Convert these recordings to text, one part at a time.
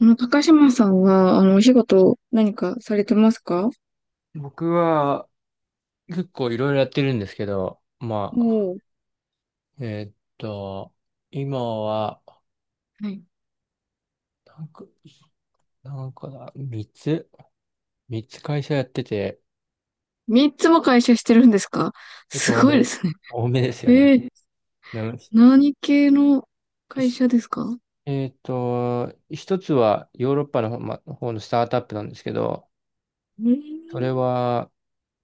高島さんは、お仕事、何かされてますか？僕は結構いろいろやってるんですけど、まおあ、おー、えーっと、今は、はい。なんか、なんかだ、3つ ?3 つ会社やってて、三つも会社してるんですか？結す構ごいですね。多めですよえね。え、なし何系の会し社ですか？う一つはヨーロッパの方のスタートアップなんですけど、ーそれん。は、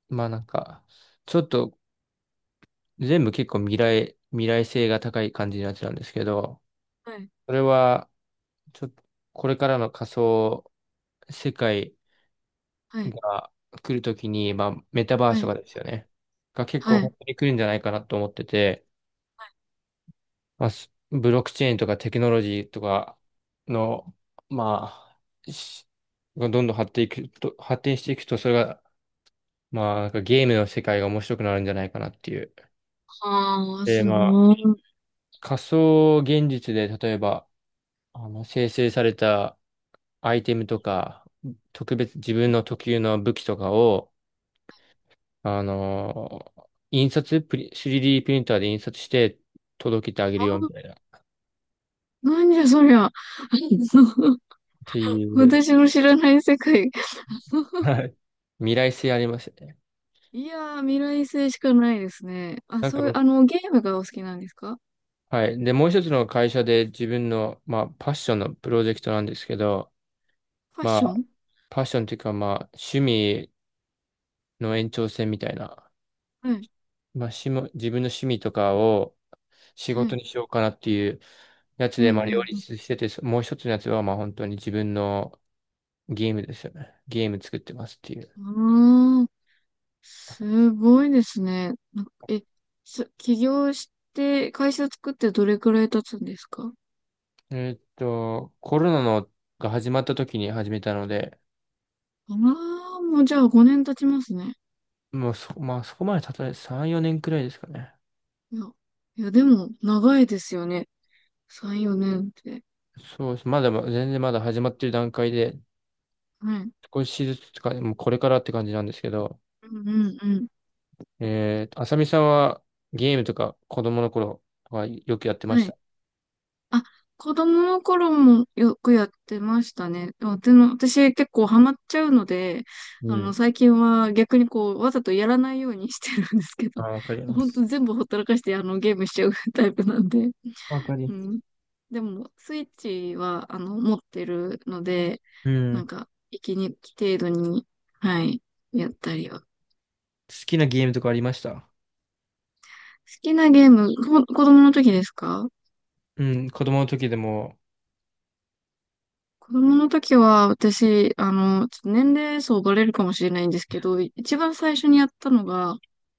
まあなんか、ちょっと全部結構未来性が高い感じのやつなんですけど、はい、それは、ちょっと、これからの仮想世界はい、が来るときに、まあ、メタバーはスとい、かですよね。が結は構い。本当に来るんじゃないかなと思ってて、まあ、ブロックチェーンとかテクノロジーとかの、まあ、がどんどん発展いくと、発展していくと、それが、まあ、なんかゲームの世界が面白くなるんじゃないかなっていう。ああ、で、すまあ、ごい。仮想現実で、例えば、あの、生成されたアイテムとか、特別自分の特有の武器とかを、あのー印刷プリ、3D プリンターで印刷して届けてあげるあ、よみたいな、っなんじゃそりゃ。ていう。私の知らない世界。はい。未来性ありますよね。いやー、未来性しかないですね。あ、なんそかういう、ゲームがお好きなんですか？はい。で、もう一つの会社で自分の、まあ、パッションのプロジェクトなんですけど、ファッまショあ、ン。パッションというか、まあ、趣味の延長線みたいな、はい、まあ、自分の趣味とかを仕は事い。にしようかなっていうやつうで、まあ、ん、う両ん、立してて、もう一つのやつは、まあ、本当に自分のゲームですよね。ゲーム作ってますっていう。うん。ああ、すごいですね。なんか起業して、会社作ってどれくらい経つんですか？コロナのが始まった時に始めたので、ああー、もうじゃあ5年経ちますね。もうそ、まあ、そこまでたとえ3、4年くらいですかね。いや、いやでも、長いですよね。3、4年って。そうです。まだまだ、全然まだ始まってる段階で、はい。少しずつとか、もうこれからって感じなんですけど、うんうんうん。あさみさんはゲームとか子供の頃はよくやってまはしい。た。あ、子供の頃もよくやってましたね。でも私結構ハマっちゃうので、うん。最近は逆にこう、わざとやらないようにしてるんですけあど、ー、わかりま本当す。全部ほったらかして、ゲームしちゃうタイプなんで。わかりうまん。す。でも、スイッチは、持ってるので、うなん。ん好か、息抜き程度に、はい、やったりは。好きなゲームとかありました。きなゲーム、子供の時ですか？うん、子供の時でも、子供の時は、私、ちょっと年齢層バレるかもしれないんですけど、一番最初にやったのが、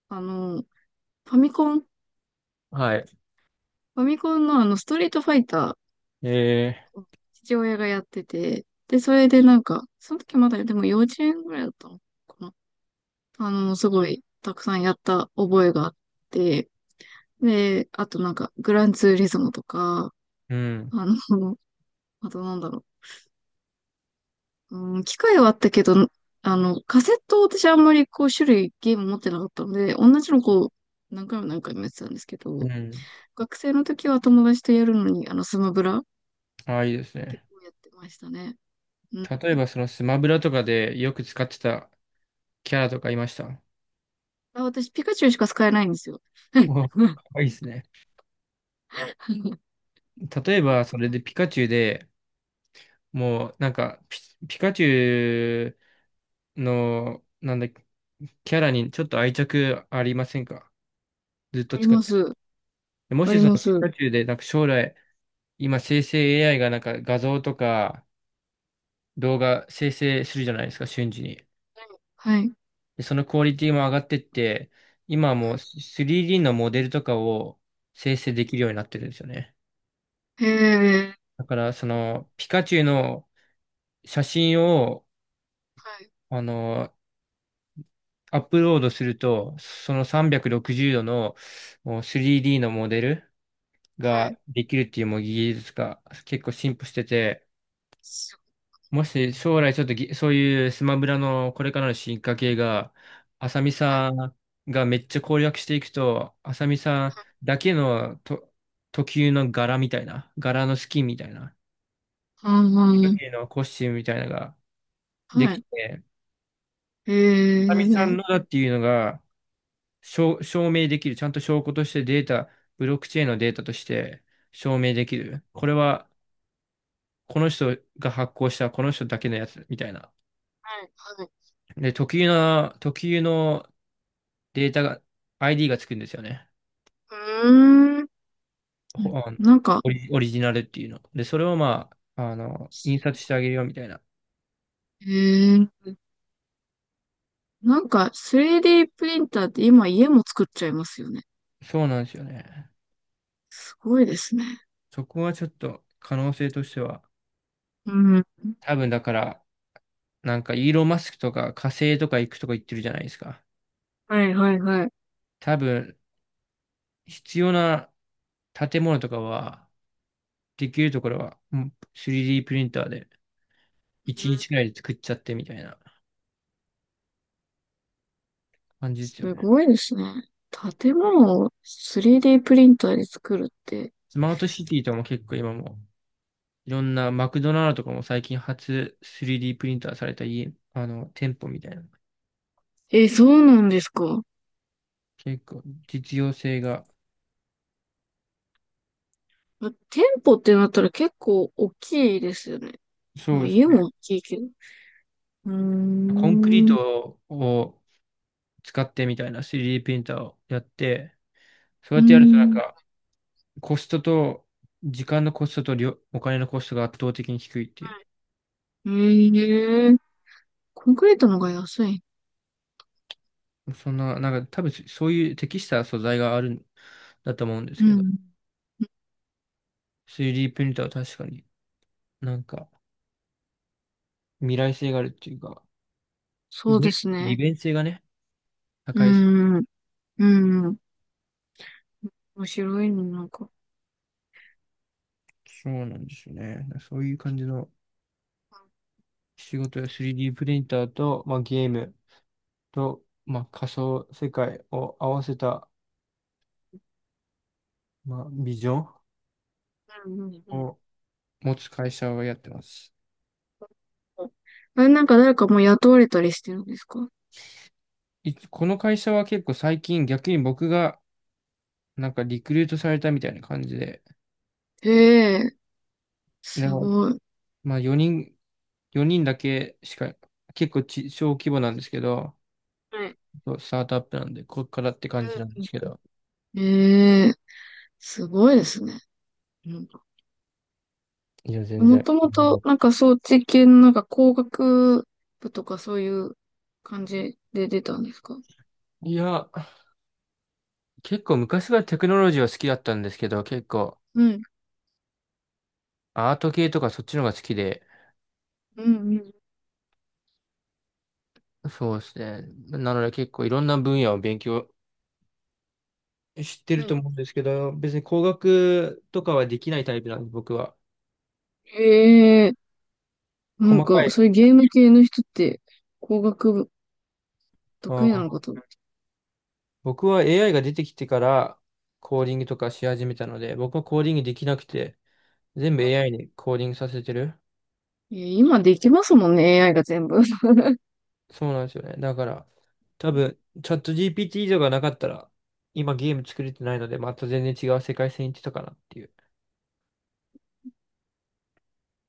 あの、ファミコン、フはい。ァミコンのストリートファイタえーを父親がやってて、で、それでなんか、その時まだ、でも幼稚園ぐらいだったのか、すごい、たくさんやった覚えがあって、で、あとなんか、グランツーリズムとか、ー、うん、あの、あとなんだろう、うん、機械はあったけど、カセットを私あんまりこう、種類、ゲーム持ってなかったので、同じのこう、何回も何回もやってたんですけうど、ん。学生の時は友達とやるのに、スマブラ、ああ、いいです結ね。構やってましたね。うん。例えば、そのスマブラとかでよく使ってたキャラとかいました。あ、私、ピカチュウしか使えないんですよ。はい。お、かうん わいいですね。例えば、それでピカチュウで、もう、ピカチュウの、なんだっけ、キャラにちょっと愛着ありませんか。ずっとあり使っまて。す。もあしりそのます。ピはカい。チュウで、なんか将来、今生成 AI がなんか画像とか動画生成するじゃないですか、瞬時に。はい。で、そのクオリティも上がってって、今はもう 3D のモデルとかを生成できるようになってるんですよね。へえ。だから、その、ピカチュウの写真を、はい、あの、アップロードすると、その360度のもう 3D のモデルはい、ができるっていうもう技術が結構進歩してて、すもし将来ちょっとそういうスマブラのこれからの進化系が、浅見ごい、はい、さんがめっちゃ攻略していくと、浅見さんだけのと特有の柄みたいな、柄のスキンみたいな、特あ有のコスチュームみたいなのがあ、ではきい、て、え浅見え、はさんい、のだっていうのが証明できる、ちゃんと証拠としてデータ、ブロックチェーンのデータとして証明できる。これはこの人が発行したこの人だけのやつみたいな。はい、で、特有のデータが、ID がつくんですよね。うーん、ほあのなんか、オリジナルっていうの。で、それをまあ、あの、印刷してあげるよみたいな。ええ、なんか 3D プリンターって今家も作っちゃいますよね。そうなんですよね。すごいですね。そこはちょっと可能性としては、うん、多分だから、なんかイーロン・マスクとか火星とか行くとか言ってるじゃないですか。はい、はい、はい。多分、必要な建物とかは、できるところは、うん 3D プリンターでう1ん。日くらいで作っちゃってみたいな感じですすよね。ごいですね。建物を 3D プリンターで作るって。スマートシティとかも結構今もいろんなマクドナルドとかも最近初 3D プリンターされた家、あの、店舗みたいな。え、そうなんですか？結構実用性が、店舗ってなったら結構大きいですよね。そうまあです家もね。大きいけど。うーコンクリーん。うトを使ってみたいな 3D プリンターをやって、そうーやってやるとなんん。かコストと、時間のコストとお金のコストが圧倒的に低いっていう。ええ、コンクリートのが安い。そんな、なんか多分そういう適した素材があるんだと思うんですうけど、ん。3D プリンターは確かになんか未来性があるっていうか、そうです利ね。便性がね、う高いし。ーん。うん。面白いの、なんか。そうなんですよね。そういう感じの仕事や 3D プリンターと、まあ、ゲームと、まあ、仮想世界を合わせた、まあ、ビジョンうん、うん、うん。を持つ会社をやってます。あれ、なんか誰かもう雇われたりしてるんですか？この会社は結構最近逆に僕がなんかリクルートされたみたいな感じで、ええ、ですも、ごい。まあ4人だけしか、結構小規模なんですけど、はい。そうスタートアップなんで、こっからって感じなんでうん、すけど、うん。ええ、すごいですね。うん。いや、全も然。ともと、なんか装置系のなんか工学部とかそういう感じで出たんですか？いや、結構昔はテクノロジーは好きだったんですけど、結構うん、アート系とかそっちの方が好きで、うん、うん。そうですね。なので結構いろんな分野を勉強してはるとい。思うんですけど、別に工学とかはできないタイプなんで、僕は。ええ、なん細かか、そい。ういうゲーム系の人って、工学部あ得意なのー、かと思って。僕は AI が出てきてからコーディングとかし始めたので、僕はコーディングできなくて、全部 AI にコーディングさせてる。いや、今できますもんね、AI が全部。そうなんですよね。だから、多 分、チャット GPT 以上がなかったら、今ゲーム作れてないので、また全然違う世界線に行ってたかなっていう。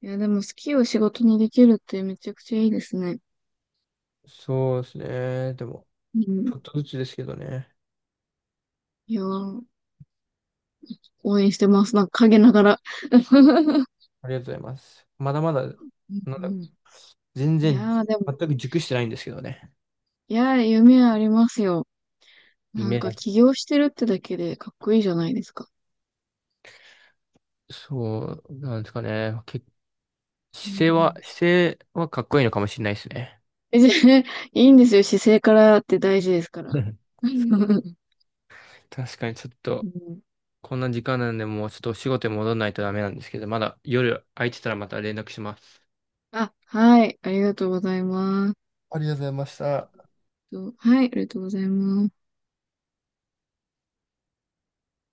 いや、でも好きを仕事にできるってめちゃくちゃいいですね。そうですね。でも、うちょん。っとずつですけどね。いやー、応援してます。なんか陰ながら。ありがとうございます。まだまだ、なんうんうだ、ん。全い然、やー、でも、全く熟してないんですけどね。いやー、夢はありますよ。なん夢かだ。起業してるってだけでかっこいいじゃないですか。そう、なんですかね。うんうん。姿勢はかっこいいのかもしれないですね。え、じゃあいいんですよ。姿勢からって大事ですから。確かにちょっうと、ん。こんな時間なんで、もうちょっとお仕事に戻らないとダメなんですけど、まだ夜空いてたらまた連絡します。あ、はい。ありがとうございます。ありがとうございました。とはい。ありがとうございます。